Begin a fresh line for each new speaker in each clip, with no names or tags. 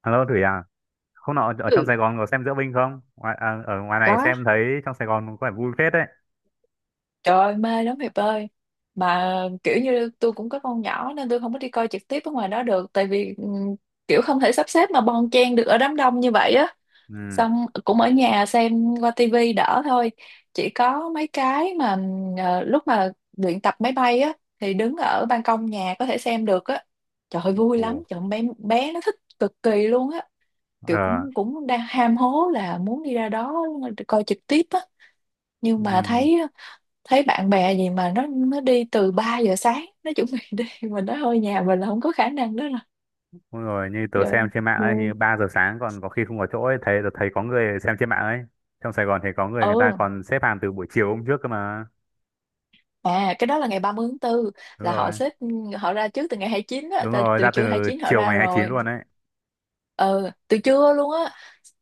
Alo Thủy à, hôm nọ ở trong
Ừ,
Sài Gòn có xem diễu binh không? Ở ngoài này
có.
xem thấy trong Sài Gòn có vẻ vui phết đấy.
Trời ơi, mê lắm Hiệp ơi. Mà kiểu như tôi cũng có con nhỏ nên tôi không có đi coi trực tiếp ở ngoài đó được. Tại vì kiểu không thể sắp xếp mà bon chen được ở đám đông như vậy á.
Ừ.
Xong cũng ở nhà xem qua tivi đỡ thôi. Chỉ có mấy cái mà lúc mà luyện tập máy bay á thì đứng ở ban công nhà có thể xem được á. Trời ơi, vui
Ồ.
lắm. Trời ơi, bé nó thích cực kỳ luôn á. Kiểu
Ờ.
cũng cũng đang ham hố là muốn đi ra đó coi trực tiếp á, nhưng
Ừ.
mà thấy thấy bạn bè gì mà nó đi từ 3 giờ sáng nó chuẩn bị đi mình nói thôi nhà mình là không có khả năng đó rồi
Đúng rồi, như tớ
giờ
xem trên mạng ấy,
vui.
như 3 giờ sáng còn có khi không có chỗ ấy, thấy tớ thấy có người xem trên mạng ấy. Trong Sài Gòn thì có người người ta
Ừ,
còn xếp hàng từ buổi chiều hôm trước cơ mà.
à, cái đó là ngày 30 tháng 4,
Đúng
là
rồi.
họ xếp, họ ra trước từ ngày 29 á,
Đúng rồi,
từ
ra từ
trưa hai chín họ
chiều
ra
ngày 29
rồi.
luôn đấy.
Ừ, từ trưa luôn á,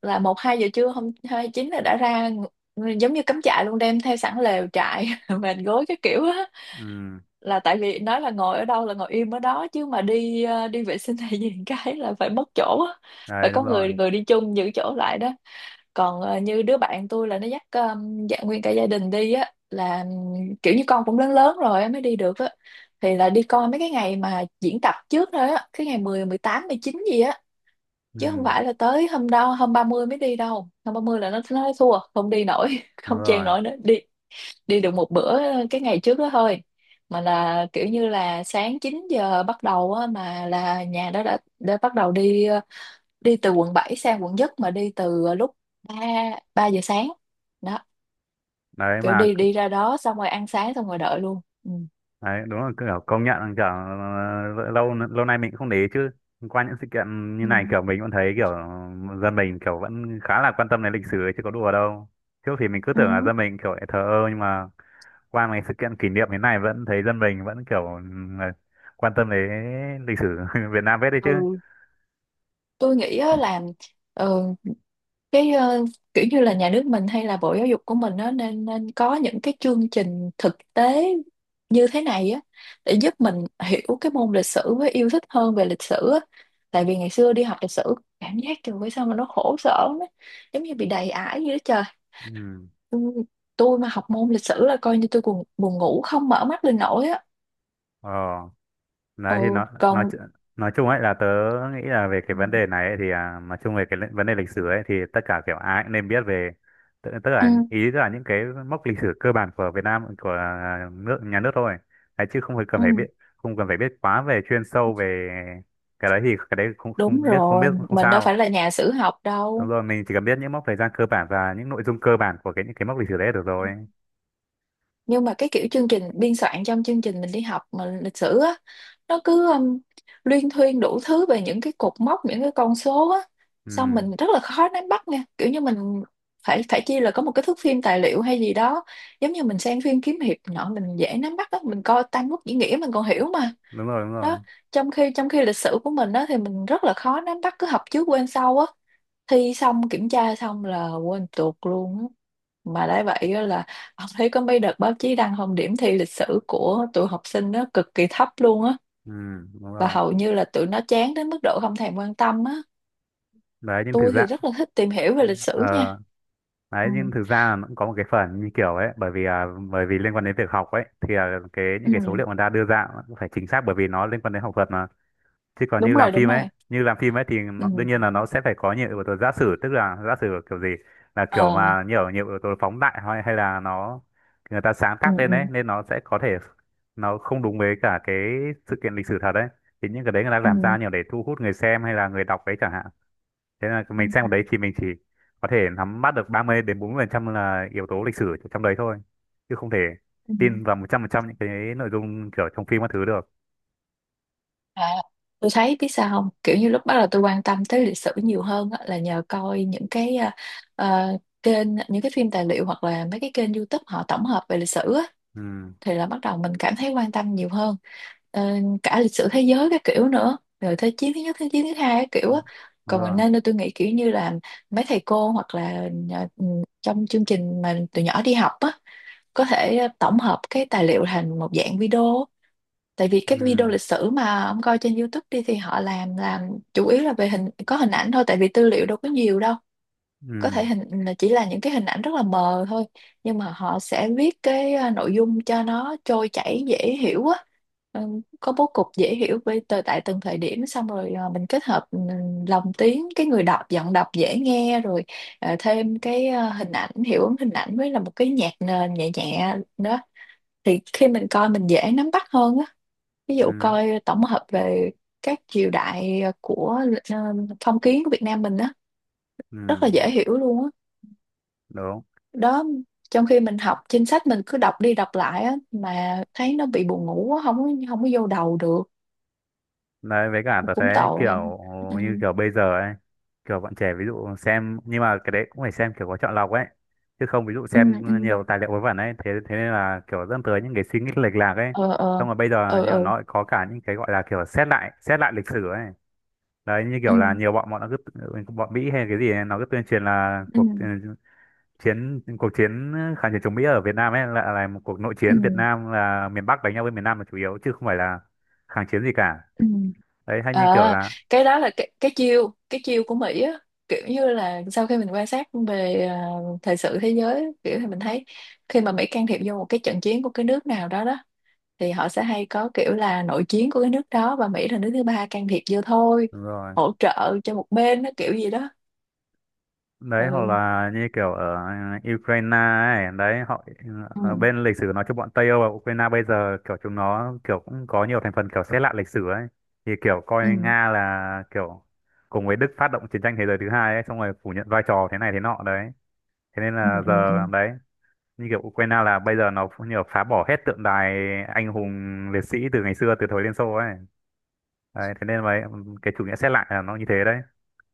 là một hai giờ trưa hôm hai chín là đã ra, giống như cắm trại luôn, đem theo sẵn lều trại mền gối cái kiểu á,
Ừ.
là tại vì nói là ngồi ở đâu là ngồi im ở đó, chứ mà đi đi vệ sinh hay gì cái là phải mất chỗ á, phải
Đấy, đúng
có
rồi.
người người đi chung giữ chỗ lại đó. Còn như đứa bạn tôi là nó dắt dạ, nguyên cả gia đình đi á, là kiểu như con cũng lớn lớn rồi á mới đi được á, thì là đi coi mấy cái ngày mà diễn tập trước thôi á, cái ngày mười, mười tám mười chín gì á, chứ không
Ừ.
phải là tới hôm đó, hôm 30 mới đi đâu. Hôm 30 là nó thua không đi nổi
Đúng
không chen
rồi.
nổi nữa, đi đi được một bữa cái ngày trước đó thôi. Mà là kiểu như là sáng 9 giờ bắt đầu á, mà là nhà đó đã bắt đầu đi đi từ quận 7 sang quận Nhất, mà đi từ lúc 3 3 giờ sáng đó,
Đấy
kiểu
mà
đi đi ra đó xong rồi ăn sáng xong rồi đợi luôn. Ừ.
đấy, đúng là kiểu công nhận là kiểu lâu lâu nay mình cũng không để ý chứ qua những sự kiện như
Ừ.
này kiểu mình vẫn thấy kiểu dân mình kiểu vẫn khá là quan tâm đến lịch sử ấy, chứ có đùa đâu. Trước thì mình cứ
Ừ.
tưởng là dân mình kiểu lại thờ ơ nhưng mà qua mấy sự kiện kỷ niệm thế này vẫn thấy dân mình vẫn kiểu ừ, quan tâm đến lịch sử Việt Nam hết đấy chứ.
Ừ, tôi nghĩ á là, ừ, cái kiểu như là nhà nước mình hay là Bộ Giáo dục của mình nó nên nên có những cái chương trình thực tế như thế này á, để giúp mình hiểu cái môn lịch sử với yêu thích hơn về lịch sử á. Tại vì ngày xưa đi học lịch sử cảm giác trời ơi sao mà nó khổ sở lắm, giống như bị đầy ải vậy đó trời.
Ừ.
Ừ, tôi mà học môn lịch sử là coi như tôi buồn buồn ngủ không mở mắt lên nổi á.
Ờ. Đấy thì
Ừ,
nó nói
còn,
chu- Nói chung ấy là tớ nghĩ là về cái vấn đề này ấy, thì nói chung về cái vấn đề lịch sử ấy thì tất cả kiểu ai cũng nên biết về. tức, tức
ừ,
là ý tức là những cái mốc lịch sử cơ bản của Việt Nam của à, nước nhà nước thôi. Đấy, chứ không phải cần
ừ,
phải biết, không cần phải biết quá về chuyên sâu về cái đấy thì cái đấy không
đúng
không biết, không biết
rồi,
cũng không
mình đâu
sao.
phải là nhà sử học
Đúng
đâu.
rồi, mình chỉ cần biết những mốc thời gian cơ bản và những nội dung cơ bản của cái những cái mốc lịch sử đấy là được rồi.
Nhưng mà cái kiểu chương trình biên soạn trong chương trình mình đi học mà lịch sử á, nó cứ luyên thuyên đủ thứ về những cái cột mốc, những cái con số á, xong
Ừ,
mình rất là khó nắm bắt nha, kiểu như mình phải phải chi là có một cái thước phim tài liệu hay gì đó, giống như mình xem phim kiếm hiệp nọ mình dễ nắm bắt á, mình coi Tam Quốc diễn nghĩa mình còn hiểu mà.
đúng rồi, đúng
Đó,
rồi.
trong khi lịch sử của mình á thì mình rất là khó nắm bắt, cứ học trước quên sau á, thi xong kiểm tra xong là quên tuột luôn á. Mà đã vậy á là ông thấy có mấy đợt báo chí đăng không, điểm thi lịch sử của tụi học sinh nó cực kỳ thấp luôn á,
Ừ, đúng
và
rồi.
hầu như là tụi nó chán đến mức độ không thèm quan tâm á.
Đấy nhưng thực
Tôi
ra,
thì rất là thích tìm hiểu về lịch
ờ,
sử nha.
đấy
Ừ,
nhưng thực ra nó cũng có một cái phần như kiểu ấy bởi vì bởi vì liên quan đến việc học ấy thì cái những
ừ,
cái số liệu người ta đưa ra cũng phải chính xác bởi vì nó liên quan đến học thuật mà. Chứ còn như
đúng
làm
rồi, đúng
phim ấy,
rồi.
như làm phim ấy thì nó,
Ừ,
đương nhiên là nó sẽ phải có nhiều yếu tố giả sử, tức là giả sử kiểu gì là kiểu
ờ,
mà nhiều nhiều yếu tố phóng đại, hay hay là nó người ta sáng
ừ,
tác lên ấy
ừ,
nên nó sẽ có thể nó không đúng với cả cái sự kiện lịch sử thật đấy. Thì những cái đấy người ta
ừ,
làm ra nhiều để thu hút người xem hay là người đọc đấy chẳng hạn. Thế là
ừ,
mình xem ở đấy thì mình chỉ có thể nắm bắt được 30 đến 40% là yếu tố lịch sử trong đấy thôi, chứ không thể
ừ.
tin vào 100% những cái nội dung kiểu trong phim các thứ được.
À, tôi thấy biết sao không, kiểu như lúc bắt đầu tôi quan tâm tới lịch sử nhiều hơn á, là nhờ coi những cái à, kênh, những cái phim tài liệu hoặc là mấy cái kênh YouTube họ tổng hợp về lịch sử á,
Ừ,
thì là bắt đầu mình cảm thấy quan tâm nhiều hơn. Ờ, cả lịch sử thế giới các kiểu nữa, rồi thế chiến thứ nhất, thế chiến thứ hai các kiểu á.
đúng
Còn mình,
rồi.
nên tôi nghĩ kiểu như là mấy thầy cô hoặc là trong chương trình mà từ nhỏ đi học á, có thể tổng hợp cái tài liệu thành một dạng video. Tại vì cái video
Ừ
lịch sử mà ông coi trên YouTube đi thì họ làm chủ yếu là về hình, có hình ảnh thôi, tại vì tư liệu đâu có nhiều đâu, có
ừ.
thể hình là chỉ là những cái hình ảnh rất là mờ thôi, nhưng mà họ sẽ viết cái nội dung cho nó trôi chảy dễ hiểu á. Có bố cục dễ hiểu với từ tại từng thời điểm, xong rồi mình kết hợp lồng tiếng, cái người đọc giọng đọc dễ nghe rồi thêm cái hình ảnh, hiệu ứng hình ảnh với là một cái nhạc nền nhẹ nhẹ nữa, thì khi mình coi mình dễ nắm bắt hơn á. Ví
Ừ.
dụ
Ừ.
coi tổng hợp về các triều đại của ờ, phong kiến của Việt Nam mình á,
Ừ,
rất là dễ hiểu luôn á
đúng.
đó. Trong khi mình học trên sách mình cứ đọc đi đọc lại á, mà thấy nó bị buồn ngủ á, không có vô đầu được,
Đấy, với cả tớ
cũng
thấy
tội.
kiểu
Ừ,
như kiểu bây giờ ấy, kiểu bọn trẻ ví dụ xem, nhưng mà cái đấy cũng phải xem kiểu có chọn lọc ấy. Chứ không ví dụ
ừ,
xem
ừ,
nhiều tài liệu vớ vẩn ấy, thế thế nên là kiểu dẫn tới những cái suy nghĩ lệch lạc ấy.
ờ, ờ,
Xong rồi bây giờ
ờ,
như kiểu
ờ,
nó lại có cả những cái gọi là kiểu xét lại lịch sử ấy. Đấy, như
ừ,
kiểu là nhiều bọn bọn nó cứ, bọn Mỹ hay cái gì ấy, nó cứ tuyên truyền là
ừ,
cuộc chiến kháng chiến chống Mỹ ở Việt Nam ấy là một cuộc nội
ừ,
chiến, Việt Nam là miền Bắc đánh nhau với miền Nam là chủ yếu chứ không phải là kháng chiến gì cả.
ừ.
Đấy hay như kiểu
À,
là
cái đó là cái chiêu, của Mỹ á, kiểu như là sau khi mình quan sát về thời sự thế giới kiểu thì mình thấy khi mà Mỹ can thiệp vô một cái trận chiến của cái nước nào đó đó, thì họ sẽ hay có kiểu là nội chiến của cái nước đó, và Mỹ là nước thứ ba can thiệp vô thôi,
đúng rồi,
hỗ trợ cho một bên nó kiểu gì đó.
đấy hoặc
Ừ.
là như kiểu ở Ukraine ấy đấy họ
Ừ.
ở bên lịch sử nói chung bọn Tây Âu và Ukraine bây giờ kiểu chúng nó kiểu cũng có nhiều thành phần kiểu xếp lại lịch sử ấy, thì kiểu
Ừ.
coi Nga là kiểu cùng với Đức phát động chiến tranh thế giới thứ hai ấy xong rồi phủ nhận vai trò thế này thế nọ đấy. Thế nên
Ừ.
là
Ừ. Ừ.
giờ đấy như kiểu Ukraine là bây giờ nó cũng nhiều phá bỏ hết tượng đài anh hùng liệt sĩ từ ngày xưa từ thời Liên Xô ấy. Đấy thế nên vậy cái chủ nghĩa xét lại là nó như thế đấy,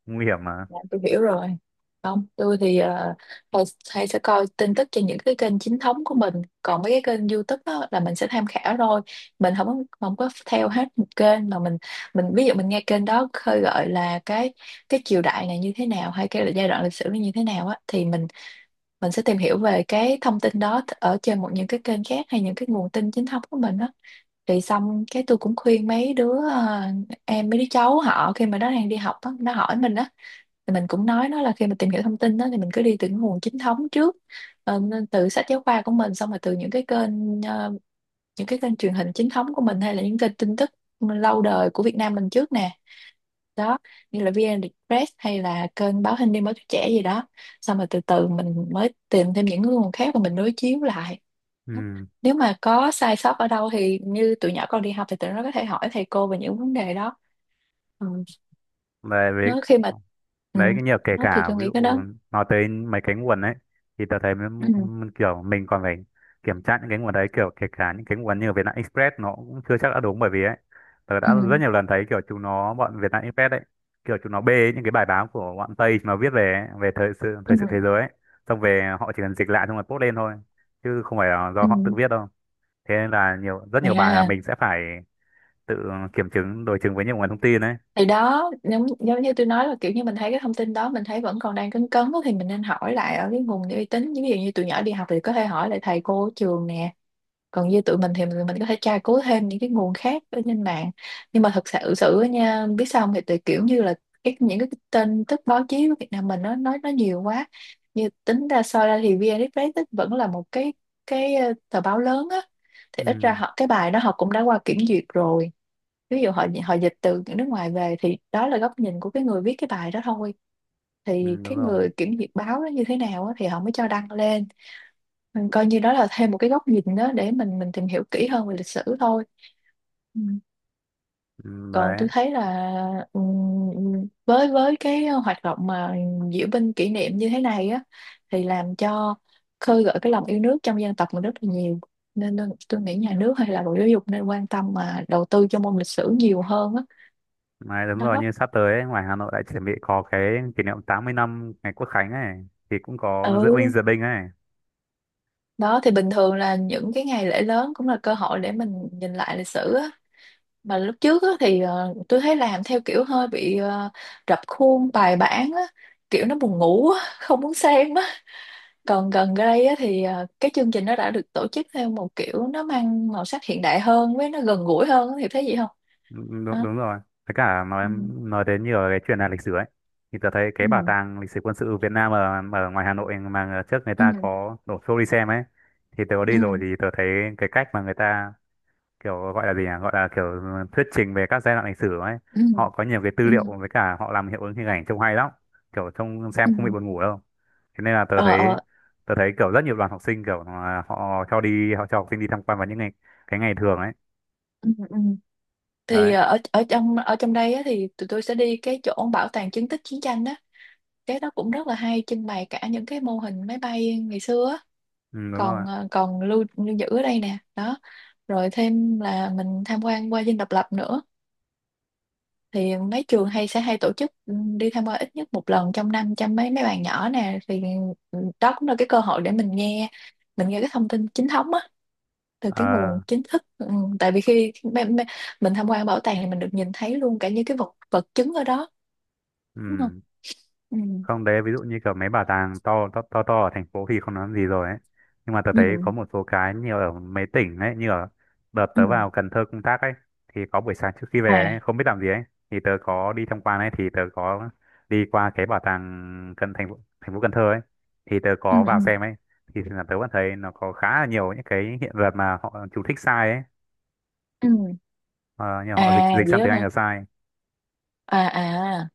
nguy hiểm mà.
Dạ, tôi hiểu rồi. Không, tôi thì hay, hay sẽ coi tin tức trên những cái kênh chính thống của mình. Còn mấy cái kênh YouTube đó là mình sẽ tham khảo thôi. Mình không có- Không có theo hết một kênh mà mình ví dụ mình nghe kênh đó khơi gợi là cái triều đại này như thế nào hay cái giai đoạn lịch sử này như thế nào á, thì mình sẽ tìm hiểu về cái thông tin đó ở trên một những cái kênh khác, hay những cái nguồn tin chính thống của mình đó. Thì xong cái tôi cũng khuyên mấy đứa em, mấy đứa cháu họ, khi mà nó đang đi học á, nó hỏi mình á, thì mình cũng nói nó là khi mà tìm hiểu thông tin đó thì mình cứ đi từ những nguồn chính thống trước. Ờ, nên từ sách giáo khoa của mình, xong rồi từ những cái kênh những cái kênh truyền hình chính thống của mình, hay là những kênh tin tức lâu đời của Việt Nam mình trước nè, đó, như là VN Express, hay là kênh báo Hình đêm, báo tuổi trẻ gì đó, xong rồi từ từ mình mới tìm thêm những nguồn khác và mình đối chiếu lại. Đó,
Ừ.
nếu mà có sai sót ở đâu thì như tụi nhỏ con đi học thì tụi nó có thể hỏi thầy cô về những vấn đề đó. Ừ.
Về với
Nó khi mà, ừ,
đấy cái nhiều kể
đó thì
cả
tôi
ví
nghĩ cái
dụ
đó,
nói tới mấy cái nguồn ấy thì tớ thấy
ừ.
kiểu mình còn phải kiểm tra những cái nguồn đấy kiểu kể cả những cái nguồn như ở Vietnam Express nó cũng chưa chắc đã đúng bởi vì ấy tớ
Ừ.
đã rất nhiều lần thấy kiểu chúng nó bọn Vietnam Express ấy kiểu chúng nó bê những cái bài báo của bọn Tây mà viết về ấy, về thời sự
Ừ.
thời sự thế giới ấy, xong về họ chỉ cần dịch lại xong rồi post lên thôi chứ không phải là do
Ừ.
họ tự viết đâu. Thế nên là nhiều rất nhiều bài là
À,
mình sẽ phải tự kiểm chứng đối chứng với nhiều nguồn thông tin đấy.
thì đó giống như tôi nói là kiểu như mình thấy cái thông tin đó mình thấy vẫn còn đang cấn cấn á, thì mình nên hỏi lại ở cái nguồn uy tín, ví dụ như tụi nhỏ đi học thì có thể hỏi lại thầy cô ở trường nè, còn như tụi mình thì mình có thể tra cứu thêm những cái nguồn khác ở trên mạng. Nhưng mà thật sự sự á nha, biết sao không? Thì tụi kiểu như là những cái tin tức báo chí của Việt Nam mình nó nói nhiều quá. Như tính ra soi ra thì VN Express ấy vẫn là một tờ báo lớn á, thì ít ra
Ừ,
họ cái bài đó họ cũng đã qua kiểm duyệt rồi. Ví dụ họ họ dịch từ nước ngoài về thì đó là góc nhìn của cái người viết cái bài đó thôi.
ừ
Thì
đúng
cái
rồi.
người kiểm duyệt báo nó như thế nào á, thì họ mới cho đăng lên. Mình coi như đó là thêm một cái góc nhìn đó để mình tìm hiểu kỹ hơn về lịch sử thôi. Ừ.
Ừ,
Còn
đấy.
tôi thấy là, ừ, với cái hoạt động mà diễu binh kỷ niệm như thế này á, thì làm cho khơi gợi cái lòng yêu nước trong dân tộc mình rất là nhiều. Nên nên tôi nghĩ nhà nước hay là Bộ Giáo dục nên quan tâm mà đầu tư cho môn lịch sử nhiều hơn á.
Mà đúng rồi
Đó.
như sắp tới ấy, ngoài Hà Nội lại chuẩn bị có cái kỷ niệm 80 năm ngày Quốc Khánh ấy thì cũng có diễu
Ừ,
binh diễu binh ấy.
đó thì bình thường là những cái ngày lễ lớn cũng là cơ hội để mình nhìn lại lịch sử á. Mà lúc trước á, thì tôi thấy làm theo kiểu hơi bị rập khuôn bài bản á, kiểu nó buồn ngủ á, không muốn xem á. Còn gần đây á, thì cái chương trình nó đã được tổ chức theo một kiểu nó mang màu sắc hiện đại hơn với nó gần gũi hơn á, thì thấy gì không?
Đúng, đúng
Hả?
đúng rồi. Với cả
Ừ.
nói đến nhiều cái chuyện là lịch sử ấy thì tớ thấy cái
Ừ.
bảo tàng lịch sử quân sự Việt Nam ở, ở ngoài Hà Nội mà trước người ta
Ừ.
có đổ xô đi xem ấy thì tớ có đi rồi
Ừ.
thì tớ thấy cái cách mà người ta kiểu gọi là gì nhỉ, gọi là kiểu thuyết trình về các giai đoạn lịch sử ấy,
Ừ.
họ có nhiều cái tư
Ừ.
liệu với cả họ làm hiệu ứng hình ảnh trông hay lắm, kiểu trông
Ừ.
xem không bị buồn ngủ đâu. Thế nên là
Ờ. Ờ.
tớ thấy kiểu rất nhiều đoàn học sinh kiểu là họ cho đi họ cho học sinh đi tham quan vào những ngày cái ngày thường ấy.
Ừ. Ừ. Thì
Đấy.
ờ, ở ở trong đây á, thì tụi tôi sẽ đi cái chỗ bảo tàng chứng tích chiến tranh á. Cái đó cũng rất là hay, trưng bày cả những cái mô hình máy bay ngày xưa á.
Ừ, đúng
Còn
rồi.
còn lưu giữ ở đây nè đó. Rồi thêm là mình tham quan qua Dinh Độc Lập nữa. Thì mấy trường hay tổ chức đi tham quan ít nhất một lần trong năm cho mấy mấy bạn nhỏ nè. Thì ừ, đó cũng là cái cơ hội để mình nghe cái thông tin chính thống á, từ cái nguồn
Ờ.
chính thức. Ừ. Tại vì khi mình tham quan bảo tàng thì mình được nhìn thấy luôn cả những cái vật vật chứng ở đó, đúng không?
Ừ.
Ừ.
Không đấy ví dụ như kiểu mấy bảo tàng to ở thành phố thì không nói gì rồi ấy, nhưng mà tớ
Ừ.
thấy có một số cái như ở mấy tỉnh ấy, như ở đợt
Ừ.
tớ vào Cần Thơ công tác ấy thì có buổi sáng trước khi về
À.
ấy, không biết làm gì ấy, thì tớ có đi tham quan ấy thì tớ có đi qua cái bảo tàng cần thành phố Cần Thơ ấy thì tớ
Ừ.
có
Ừ.
vào xem ấy thì là tớ vẫn thấy nó có khá là nhiều những cái hiện vật mà họ chú thích sai ấy,
Ừ.
ờ, như họ dịch
À
dịch
vậy
sang
đó
tiếng Anh
hả?
là sai.
À à.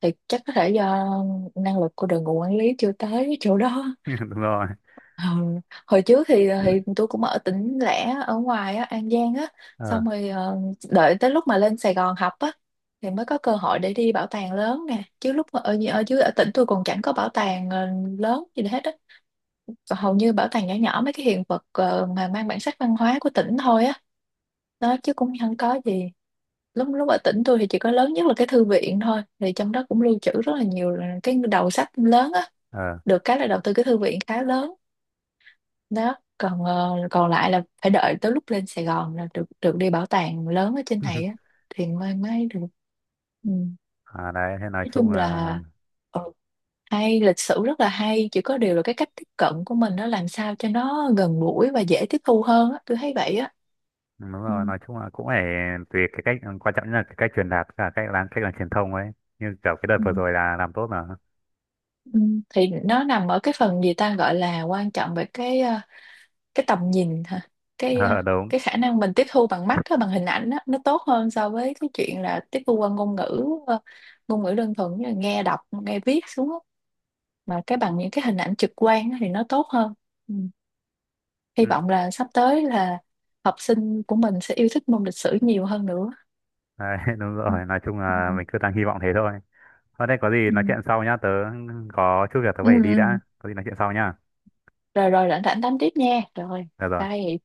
Thì chắc có thể do năng lực của đội ngũ quản lý chưa tới chỗ đó.
Đúng rồi.
Ừ. Hồi trước thì tôi cũng ở tỉnh lẻ ở ngoài á, An Giang á.
Ờ
Xong rồi đợi tới lúc mà lên Sài Gòn học á, thì mới có cơ hội để đi bảo tàng lớn nè. Chứ lúc mà ở ở dưới ở tỉnh tôi còn chẳng có bảo tàng lớn gì hết á. Còn hầu như bảo tàng nhỏ nhỏ mấy cái hiện vật mà mang bản sắc văn hóa của tỉnh thôi á, đó, chứ cũng không có gì. Lúc lúc ở tỉnh tôi thì chỉ có lớn nhất là cái thư viện thôi, thì trong đó cũng lưu trữ rất là nhiều là cái đầu sách lớn á.
ờ.
Được cái là đầu tư cái thư viện khá lớn. Đó, còn còn lại là phải đợi tới lúc lên Sài Gòn là được được đi bảo tàng lớn ở trên này á, thì mới mới được. Ừ.
À, đấy thế nói
Nói
chung
chung
là
là ừ, hay, lịch sử rất là hay, chỉ có điều là cái cách tiếp cận của mình nó làm sao cho nó gần gũi và dễ tiếp thu hơn á, tôi thấy vậy á.
đúng
Ừ.
rồi, nói chung là cũng phải tùy cái cách quan trọng nhất là cái cách truyền đạt và cách làm truyền thông ấy, như kiểu cái đợt
Ừ.
vừa rồi là làm tốt mà.
Ừ, thì nó nằm ở cái phần gì ta gọi là quan trọng về cái tầm nhìn hả, cái ờ,
Ờ, đúng.
cái khả năng mình tiếp thu bằng mắt á, bằng hình ảnh á, nó tốt hơn so với cái chuyện là tiếp thu qua ngôn ngữ ngôn ngữ đơn thuần như là nghe đọc nghe viết xuống á. Mà cái bằng những cái hình ảnh trực quan á thì nó tốt hơn. Ừ. Hy
Ừ.
vọng là sắp tới là học sinh của mình sẽ yêu thích môn lịch sử nhiều hơn nữa.
Đấy, đúng
Ừ.
rồi nói chung
Ừ.
là mình cứ đang hy vọng thế thôi. Thôi đây có gì
Ừ.
nói chuyện sau nhá, tớ có chút việc tớ
Ừ.
phải đi đã,
Ừ.
có gì nói chuyện sau nhá.
Rồi, rảnh rảnh đánh tiếp nha. Rồi,
Được rồi.
bye.